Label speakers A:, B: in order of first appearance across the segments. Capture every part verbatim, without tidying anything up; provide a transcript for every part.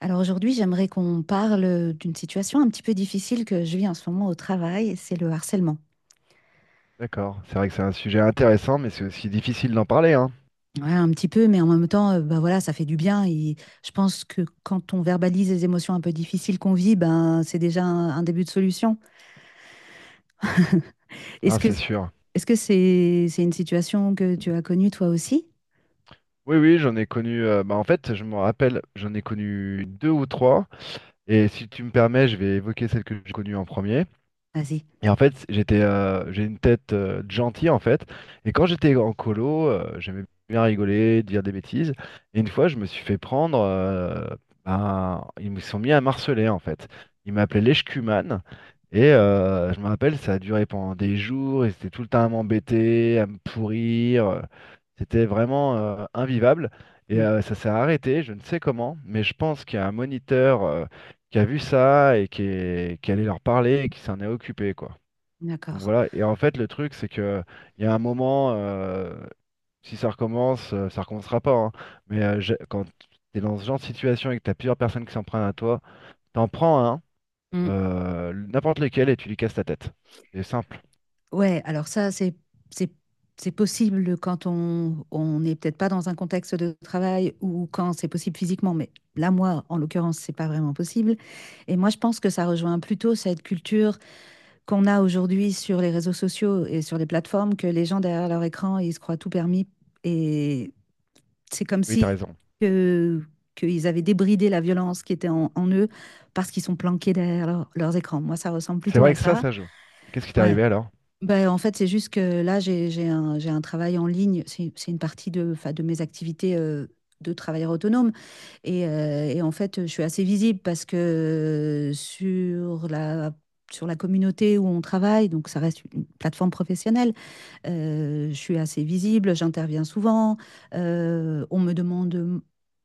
A: Alors aujourd'hui, j'aimerais qu'on parle euh, d'une situation un petit peu difficile que je vis en ce moment au travail, c'est le harcèlement.
B: D'accord, c'est vrai que c'est un sujet intéressant, mais c'est aussi difficile d'en parler, hein.
A: Ouais, un petit peu, mais en même temps, euh, bah voilà, ça fait du bien. Et je pense que quand on verbalise les émotions un peu difficiles qu'on vit, ben c'est déjà un, un début de solution. Est-ce
B: Hein,
A: que
B: c'est sûr.
A: est-ce que c'est c'est une situation que tu as connue toi aussi?
B: Oui, oui, j'en ai connu. Euh, bah, en fait, je me rappelle, j'en ai connu deux ou trois. Et si tu me permets, je vais évoquer celle que j'ai connue en premier.
A: Vas-y.
B: Et en fait, j'étais, euh, j'ai une tête euh, de gentil en fait. Et quand j'étais en colo, euh, j'aimais bien rigoler, dire des bêtises. Et une fois, je me suis fait prendre. Euh, ben, ils me sont mis à marceler en fait. Ils m'appelaient l'Eshkuman. Et euh, je me rappelle, ça a duré pendant des jours. Ils étaient tout le temps à m'embêter, à me pourrir. C'était vraiment euh, invivable. Et
A: Hmm,
B: euh, ça s'est arrêté, je ne sais comment, mais je pense qu'il y a un moniteur euh, qui a vu ça et qui est, qui est allé leur parler et qui s'en est occupé, quoi. Donc
A: d'accord.
B: voilà, et en fait le truc c'est que il y a un moment, euh, si ça recommence, euh, ça recommencera pas, hein. Mais euh, j'ai- quand t'es dans ce genre de situation et que t'as plusieurs personnes qui s'en prennent à toi, t'en prends un,
A: Hmm.
B: euh, n'importe lequel, et tu lui casses la tête. C'est simple.
A: Ouais, alors ça, c'est, c'est, c'est possible quand on, on n'est peut-être pas dans un contexte de travail ou quand c'est possible physiquement, mais là, moi, en l'occurrence, c'est pas vraiment possible. Et moi, je pense que ça rejoint plutôt cette culture qu'on a aujourd'hui sur les réseaux sociaux et sur les plateformes, que les gens derrière leur écran, ils se croient tout permis. Et c'est comme
B: Oui, t'as
A: si
B: raison.
A: que, qu'ils avaient débridé la violence qui était en, en eux parce qu'ils sont planqués derrière leur- leurs écrans. Moi, ça ressemble
B: C'est
A: plutôt
B: vrai
A: à
B: que ça,
A: ça.
B: ça joue. Et qu'est-ce qui t'est
A: Ouais.
B: arrivé alors?
A: Ben, en fait, c'est juste que là, j'ai, j'ai un, j'ai un travail en ligne. C'est, c'est une partie de, enfin, de mes activités euh, de travailleur autonome. Et, euh, et en fait, je suis assez visible parce que sur la, sur la communauté où on travaille, donc ça reste une plateforme professionnelle, euh, je suis assez visible, j'interviens souvent, euh, on me demande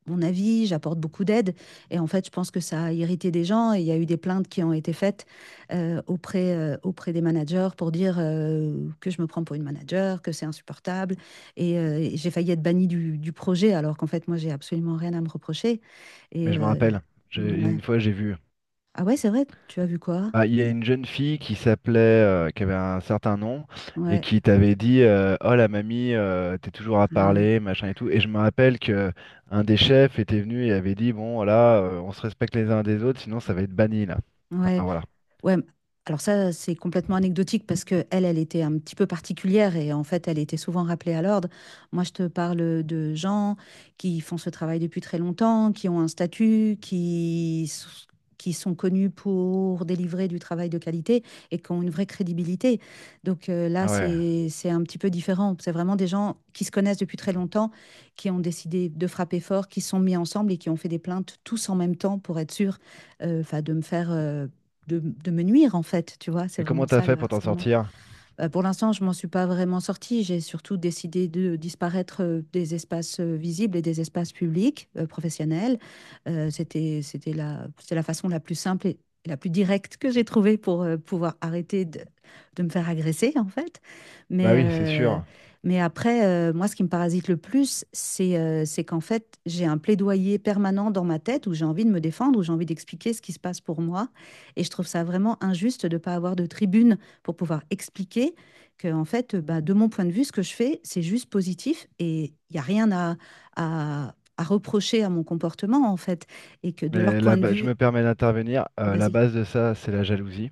A: mon avis, j'apporte beaucoup d'aide. Et en fait, je pense que ça a irrité des gens et il y a eu des plaintes qui ont été faites euh, auprès, euh, auprès des managers pour dire euh, que je me prends pour une manager, que c'est insupportable. Et, euh, et j'ai failli être bannie du, du projet alors qu'en fait, moi, j'ai absolument rien à me reprocher.
B: Mais
A: Et
B: je me
A: euh,
B: rappelle, j'ai- il y a
A: ouais.
B: une fois j'ai vu.
A: Ah ouais, c'est vrai, tu as vu quoi?
B: Ah, il y a une jeune fille qui s'appelait, euh, qui avait un certain nom, et
A: Ouais.
B: qui t'avait dit euh, oh la mamie, euh, t'es toujours à
A: Ah ouais.
B: parler, machin et tout. Et je me rappelle que un des chefs était venu et avait dit bon, voilà, euh, on se respecte les uns des autres, sinon ça va être banni là.
A: Ouais.
B: Enfin voilà.
A: Ouais, m- alors ça, c'est complètement anecdotique parce que elle, elle était un petit peu particulière et en fait, elle était souvent rappelée à l'ordre. Moi, je te parle de gens qui font ce travail depuis très longtemps, qui ont un statut, qui, s- qui sont connus pour délivrer du travail de qualité et qui ont une vraie crédibilité. Donc euh, là,
B: Ah ouais.
A: c'est, c'est un petit peu différent. C'est vraiment des gens qui se connaissent depuis très longtemps, qui ont décidé de frapper fort, qui se sont mis ensemble et qui ont fait des plaintes tous en même temps pour être sûrs, euh, enfin, de me faire... euh, de, de me nuire, en fait, tu vois, c'est
B: Et comment
A: vraiment
B: t'as
A: ça le
B: fait pour t'en
A: harcèlement.
B: sortir?
A: Euh, pour l'instant, je m'en suis pas vraiment sortie. J'ai surtout décidé de disparaître euh, des espaces euh, visibles et des espaces publics, euh, professionnels. Euh, c'était, c'était la, c'est la façon la plus simple et la plus directe que j'ai trouvée pour euh, pouvoir arrêter de, de me faire agresser, en fait.
B: Bah
A: Mais,
B: oui, c'est
A: euh,
B: sûr.
A: mais après, euh, moi, ce qui me parasite le plus, c'est euh, c'est qu'en fait, j'ai un plaidoyer permanent dans ma tête où j'ai envie de me défendre, où j'ai envie d'expliquer ce qui se passe pour moi. Et je trouve ça vraiment injuste de ne pas avoir de tribune pour pouvoir expliquer que, en fait, bah, de mon point de vue, ce que je fais, c'est juste positif et il n'y a rien à, à, à reprocher à mon comportement, en fait. Et que de leur
B: Mais la
A: point de
B: ba- je
A: vue,
B: me permets d'intervenir. Euh, la
A: vas-y.
B: base de ça, c'est la jalousie.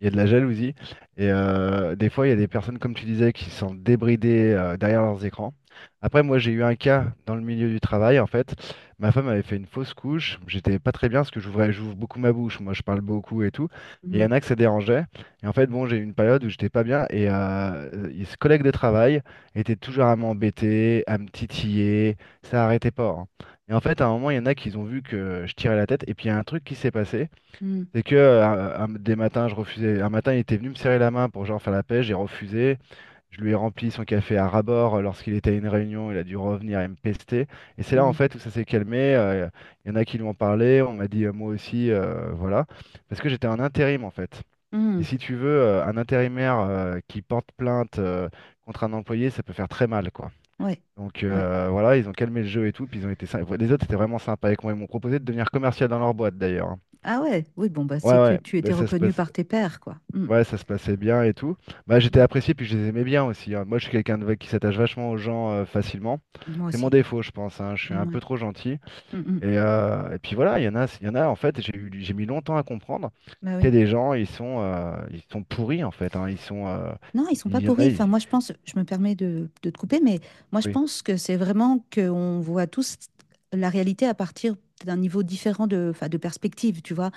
B: Il y a de la jalousie. Et euh, des fois, il y a des personnes, comme tu disais, qui sont débridées euh, derrière leurs écrans. Après, moi, j'ai eu un cas dans le milieu du travail, en fait. Ma femme avait fait une fausse couche. J'étais pas très bien parce que j'ouvrais, j'ouvre beaucoup ma bouche. Moi, je parle beaucoup et tout. Et il y
A: Mm,
B: en a que ça dérangeait. Et en fait, bon, j'ai eu une période où j'étais pas bien. Et euh, et ce collègue de travail était toujours à m'embêter, à me titiller. Ça arrêtait pas. Hein. Et en fait, à un moment, il y en a qui ont vu que je tirais la tête. Et puis, il y a un truc qui s'est passé.
A: mm,
B: C'est que euh, un- un- des matins, je refusais. Un matin, il était venu me serrer la main pour genre faire la paix. J'ai refusé. Je lui ai rempli son café à rabord euh, lorsqu'il était à une réunion. Il a dû revenir et me pester. Et c'est là, en
A: mm,
B: fait, où ça s'est calmé. euh, Il y en a qui lui ont parlé. On m'a dit, euh, moi aussi, euh, voilà. Parce que j'étais en intérim, en fait. Et
A: mm.
B: si tu veux, euh, un intérimaire euh, qui porte plainte euh, contre un employé, ça peut faire très mal, quoi.
A: Ouais,
B: Donc
A: ouais.
B: euh, voilà, ils ont calmé le jeu et tout, puis ils ont été sympas. Les autres, c'était vraiment sympa avec moi. Ils m'ont proposé de devenir commercial dans leur boîte d'ailleurs. Hein.
A: Ah ouais, oui, bon, bah,
B: Ouais,
A: c'est que
B: ouais,
A: tu étais
B: mais ça se
A: reconnu
B: passe...
A: par tes pairs, quoi. Mm.
B: ouais, ça se passait bien et tout. Bah, j'étais
A: Mm.
B: apprécié, puis je les aimais bien aussi. Hein. Moi, je suis quelqu'un de... qui s'attache vachement aux gens euh, facilement.
A: Moi
B: C'est mon
A: aussi.
B: défaut, je pense. Hein. Je suis un
A: Mm,
B: peu
A: ouais.
B: trop gentil.
A: Mm, mm.
B: Et, euh, et puis voilà, il y en a, il y en a en fait, j'ai eu... j'ai mis longtemps à comprendre
A: Bah
B: qu'il y a
A: oui.
B: des gens, ils sont, euh, ils sont pourris en fait. Hein. Ils sont, euh,
A: Non, ils sont pas
B: Il y en
A: pourris.
B: a, ils-
A: Enfin, moi, je pense, je me permets de, de te couper, mais moi, je
B: Oui,
A: pense que c'est vraiment qu'on voit tous la réalité à partir d'un niveau différent de, enfin, de perspective, tu vois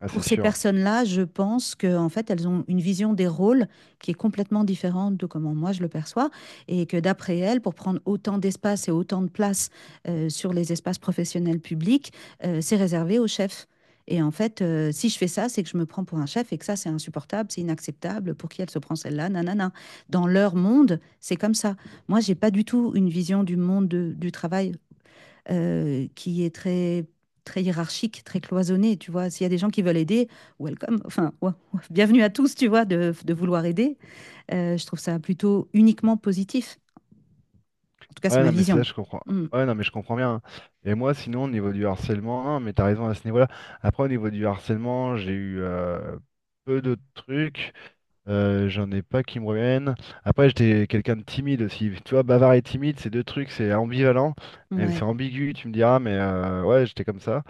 B: ah,
A: pour
B: c'est
A: ces
B: sûr.
A: personnes-là, je pense que en fait, elles ont une vision des rôles qui est complètement différente de comment moi je le perçois, et que d'après elles, pour prendre autant d'espace et autant de place euh, sur les espaces professionnels publics, euh, c'est réservé aux chefs. Et en fait, euh, si je fais ça, c'est que je me prends pour un chef et que ça, c'est insupportable, c'est inacceptable. Pour qui elle se prend celle-là Nanana. Dans leur monde, c'est comme ça. Moi, j'ai pas du tout une vision du monde de- du travail euh, qui est très, très hiérarchique, très cloisonné, tu vois. S'il y a des gens qui veulent aider, welcome, enfin, ouais, ouais, bienvenue à tous, tu vois, de, de vouloir aider. Euh, je trouve ça plutôt uniquement positif. En tout cas, c'est
B: Ouais,
A: ma
B: non, mais c'est là,
A: vision.
B: je comprends.
A: Mm,
B: Ouais, non, mais je comprends bien. Hein. Et moi, sinon, au niveau du harcèlement, non, mais t'as raison à ce niveau-là. Après, au niveau du harcèlement, j'ai eu euh, peu de trucs. Euh, j'en ai pas qui me reviennent. Après, j'étais quelqu'un de timide aussi. Tu vois, bavard et timide, c'est deux trucs, c'est ambivalent. Mais c'est
A: ouais.
B: ambigu, tu me diras, mais euh, ouais, j'étais comme ça.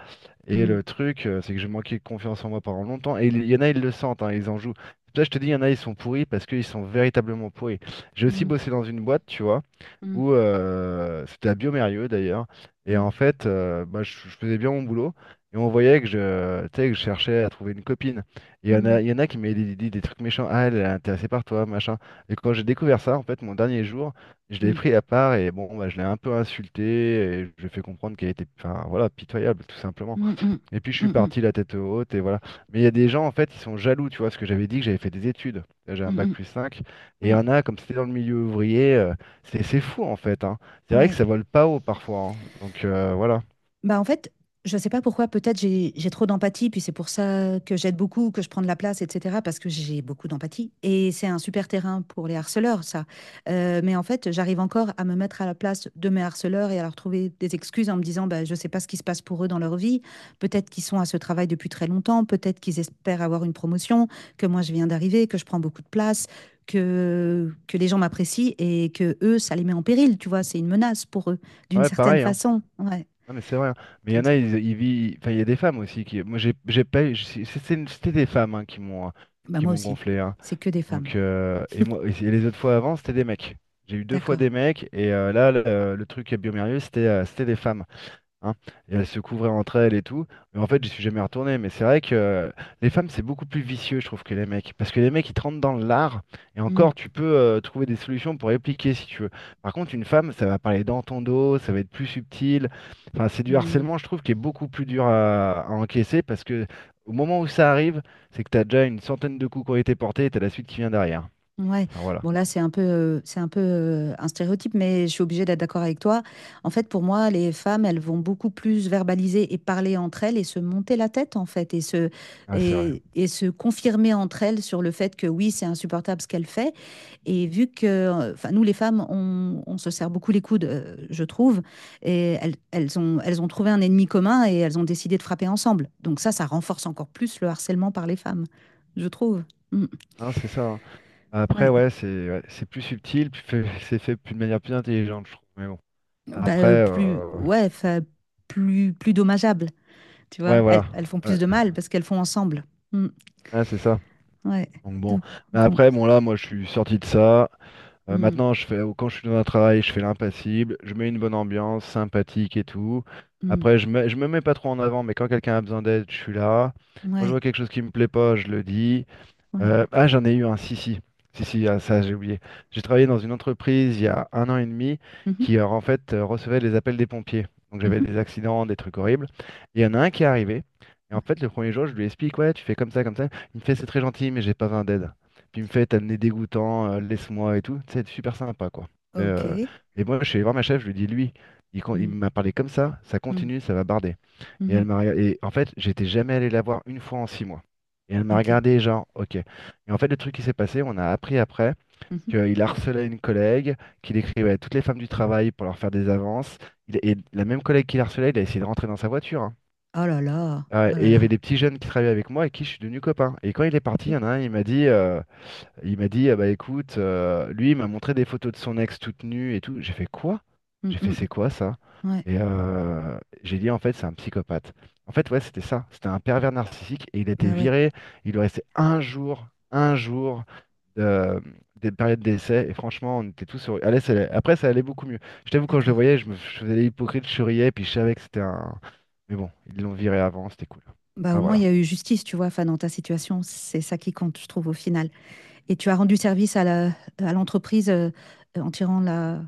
B: Et
A: Mm,
B: le truc, euh, c'est que j'ai manqué de confiance en moi pendant longtemps. Et il y en a, ils le sentent, hein, ils en jouent. C'est pour ça que je te dis, il y en a, ils sont pourris parce qu'ils sont véritablement pourris. J'ai aussi
A: mm,
B: bossé dans une boîte, tu vois,
A: mm,
B: où euh, c'était à Biomérieux d'ailleurs. Et en fait, euh, bah, je, je faisais bien mon boulot. Et on voyait que je, tu sais, que je cherchais à trouver une copine. Et il y en a, il y en
A: mm,
B: a qui m'avaient dit, dit des trucs méchants. Ah, elle est intéressée par toi, machin. Et quand j'ai découvert ça, en fait, mon dernier jour, je l'ai
A: mm,
B: pris à part et bon, bah, je l'ai un peu insulté et je lui ai fait comprendre qu'elle était, enfin, voilà, pitoyable, tout simplement.
A: mm, mm,
B: Et puis je
A: mm,
B: suis
A: mm,
B: parti la tête haute et voilà. Mais il y a des gens en fait, ils sont jaloux, tu vois, parce que j'avais dit que j'avais fait des études. Là, j'ai
A: mm,
B: un bac
A: mm,
B: plus cinq. Et il y
A: mm,
B: en a, comme c'était dans le milieu ouvrier, euh, c'est c'est fou en fait. Hein. C'est
A: mm,
B: vrai que
A: ouais.
B: ça vole pas haut parfois. Hein. Donc euh, voilà.
A: Bah en fait, je sais pas pourquoi, peut-être j'ai j'ai trop d'empathie, puis c'est pour ça que j'aide beaucoup, que je prends de la place, et cetera, parce que j'ai beaucoup d'empathie. Et c'est un super terrain pour les harceleurs, ça. Euh, mais en fait, j'arrive encore à me mettre à la place de mes harceleurs et à leur trouver des excuses en me disant, bah, je sais pas ce qui se passe pour eux dans leur vie. Peut-être qu'ils sont à ce travail depuis très longtemps, peut-être qu'ils espèrent avoir une promotion, que moi je viens d'arriver, que je prends beaucoup de place. Que, que les gens m'apprécient et que eux, ça les met en péril, tu vois, c'est une menace pour eux, d'une
B: Ouais,
A: certaine
B: pareil. Hein.
A: façon. Ouais.
B: Non, mais c'est vrai. Hein. Mais il y
A: D'une
B: en a,
A: certaine.
B: ils, ils vivent. Enfin, il y a des femmes aussi qui. Moi, j'ai j'ai pas. J'ai- c'est- c'est- C'était des femmes hein, qui m'ont euh,
A: Bah,
B: qui
A: moi
B: m'ont
A: aussi.
B: gonflé. Hein.
A: C'est que des femmes.
B: Donc euh, et moi et les autres fois avant, c'était des mecs. J'ai eu deux fois des
A: D'accord.
B: mecs et euh, là le, le truc à Biomérieux, c'était euh, c'était des femmes. Hein, et elles se couvraient entre elles et tout. Mais en fait, j'y suis jamais retourné. Mais c'est vrai que euh, les femmes, c'est beaucoup plus vicieux, je trouve, que les mecs. Parce que les mecs, ils te rentrent dans l'art, et
A: Mm,
B: encore, tu peux euh, trouver des solutions pour répliquer si tu veux. Par contre, une femme, ça va parler dans ton dos, ça va être plus subtil. Enfin, c'est du
A: mm.
B: harcèlement, je trouve, qui est beaucoup plus dur à, à encaisser parce que au moment où ça arrive, c'est que tu as déjà une centaine de coups qui ont été portés et tu as la suite qui vient derrière.
A: Ouais.
B: Enfin, voilà.
A: Bon, là, c'est un peu, euh, c'est un peu euh, un stéréotype, mais je suis obligée d'être d'accord avec toi. En fait, pour moi, les femmes, elles vont beaucoup plus verbaliser et parler entre elles et se monter la tête, en fait, et se,
B: Ah, c'est vrai.
A: et, et se confirmer entre elles sur le fait que oui, c'est insupportable ce qu'elle fait. Et vu que, enfin, nous les femmes, on, on se serre beaucoup les coudes, euh, je trouve, et elles, elles ont, elles ont trouvé un ennemi commun et elles ont décidé de frapper ensemble. Donc ça, ça renforce encore plus le harcèlement par les femmes, je trouve. Mm.
B: Non, c'est ça. Hein. Après,
A: Ouais.
B: ouais, c'est ouais, c'est plus subtil, plus fait- c'est fait plus- de manière plus intelligente, je trouve. Mais bon.
A: Bah, euh,
B: Après,
A: plus,
B: heu,
A: ouais, enfin, plus, plus dommageable, tu
B: ouais,
A: vois. Elles,
B: voilà.
A: elles font plus
B: Ouais,
A: de mal parce qu'elles font ensemble. Mm.
B: ouais, c'est ça.
A: Ouais.
B: Donc bon,
A: Donc,
B: mais
A: bon.
B: après, bon là, moi, je suis sorti de ça. Heu,
A: Mm,
B: maintenant, je fais quand je suis dans un travail, je fais l'impassible, je mets une bonne ambiance, sympathique et tout.
A: mm.
B: Après, je me je me mets pas trop en avant, mais quand quelqu'un a besoin d'aide, je suis là. Quand je
A: Ouais,
B: vois quelque chose qui me plaît pas, je le dis.
A: ouais.
B: Euh, ah, j'en ai eu un, si, si. Si, si, ah, ça, j'ai oublié. J'ai travaillé dans une entreprise il y a un an et demi
A: Mhm,
B: qui, euh, en fait, euh, recevait les appels des pompiers. Donc, j'avais
A: mhm.
B: des accidents, des trucs horribles. Et il y en a un
A: D'accord.
B: qui est arrivé. Et en
A: Ouais.
B: fait, le premier jour, je lui explique, ouais, tu fais comme ça, comme ça. Il me fait, c'est très gentil, mais j'ai pas vingt d'aide. Puis il me fait, t'as le nez dégoûtant, euh, laisse-moi et tout. C'est super sympa, quoi. Euh,
A: Ok.
B: et moi, je suis allé voir ma chef, je lui dis, lui, il, con- il
A: Mm,
B: m'a parlé comme ça, ça
A: mm,
B: continue, ça va barder. Et
A: mhm.
B: elle m'a regardé. Et en fait, j'étais jamais allé la voir une fois en six mois. Et elle m'a
A: Ok.
B: regardé, genre, ok. Et en fait, le truc qui s'est passé, on a appris après
A: Mhm.
B: qu'il harcelait une collègue, qu'il écrivait à toutes les femmes du travail pour leur faire des avances. Il- Et la même collègue qui harcelait, il a essayé de rentrer dans sa voiture. Hein.
A: Oh là là,
B: Ah,
A: oh là
B: et il y avait
A: là,
B: des petits jeunes qui travaillaient avec moi et qui je suis devenu copain. Et quand il est parti, il
A: ok.
B: y en a un, il m'a dit. euh, il m'a dit, ah bah écoute, euh, lui, il m'a montré des photos de son ex toute nue et tout. J'ai fait quoi?
A: Mm,
B: J'ai fait,
A: mm.
B: c'est quoi ça?
A: Ouais,
B: Et euh, j'ai dit, en fait, c'est un psychopathe. En fait, ouais, c'était ça. C'était un pervers narcissique et il a été
A: bah ouais,
B: viré. Il lui restait un jour, un jour de, des périodes d'essai. Et franchement, on était tous sur. Allez, ça allait- après, ça allait beaucoup mieux. Je t'avoue, quand je le
A: d'accord.
B: voyais, je me je faisais l'hypocrite, je souriais, puis je savais que c'était un. Mais bon, ils l'ont viré avant, c'était cool.
A: Bah au
B: Enfin,
A: moins il
B: voilà.
A: y a eu justice, tu vois, enfin dans ta situation, c'est ça qui compte, je trouve, au final. Et tu as rendu service à la, à l'entreprise euh, en tirant la,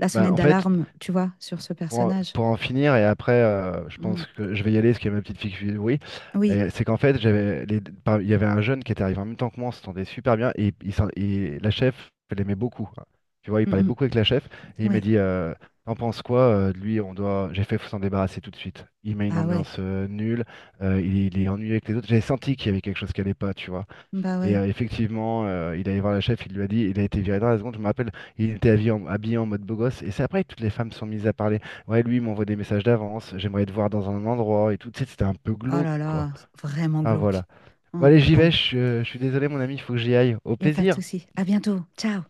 A: la
B: Ben,
A: sonnette
B: en fait,
A: d'alarme, tu vois, sur ce
B: Pour en,
A: personnage.
B: pour en finir, et après, euh, je
A: Mm.
B: pense que je vais y aller, parce qu'il y a ma petite fille qui oui.
A: Oui,
B: Et c'est qu'en fait, j'avais les- par- il y avait un jeune qui était arrivé en même temps que moi, on s'entendait super bien, et, il s'en- et la chef, elle l'aimait beaucoup. Hein. Tu vois, il
A: Mm,
B: parlait
A: mm.
B: beaucoup avec la chef, et il m'a
A: Ouais,
B: dit, euh, t'en penses quoi? Euh, de lui, on doit, j'ai fait, faut s'en débarrasser tout de suite. Il met une
A: ah ouais,
B: ambiance euh, nulle, euh, il, il est ennuyé avec les autres. J'avais senti qu'il y avait quelque chose qui allait pas, tu vois.
A: bah
B: Et
A: ouais.
B: euh, effectivement, euh, il allé voir le chef, il lui a dit, il a été viré dans la seconde, je me rappelle, il était habillé en, habillé en mode beau gosse, et c'est après que toutes les femmes sont mises à parler. Ouais, lui, il m'envoie des messages d'avance, j'aimerais te voir dans un endroit, et tout, tu sais, c'était un peu
A: Oh
B: glauque,
A: là
B: quoi.
A: là, c'est vraiment
B: Enfin,
A: glauque.
B: voilà. Bon,
A: Hum,
B: allez, j'y vais,
A: Bon,
B: je, je suis désolé, mon ami, il faut que j'y aille. Au
A: il n'y a pas de
B: plaisir!
A: souci. À bientôt, ciao.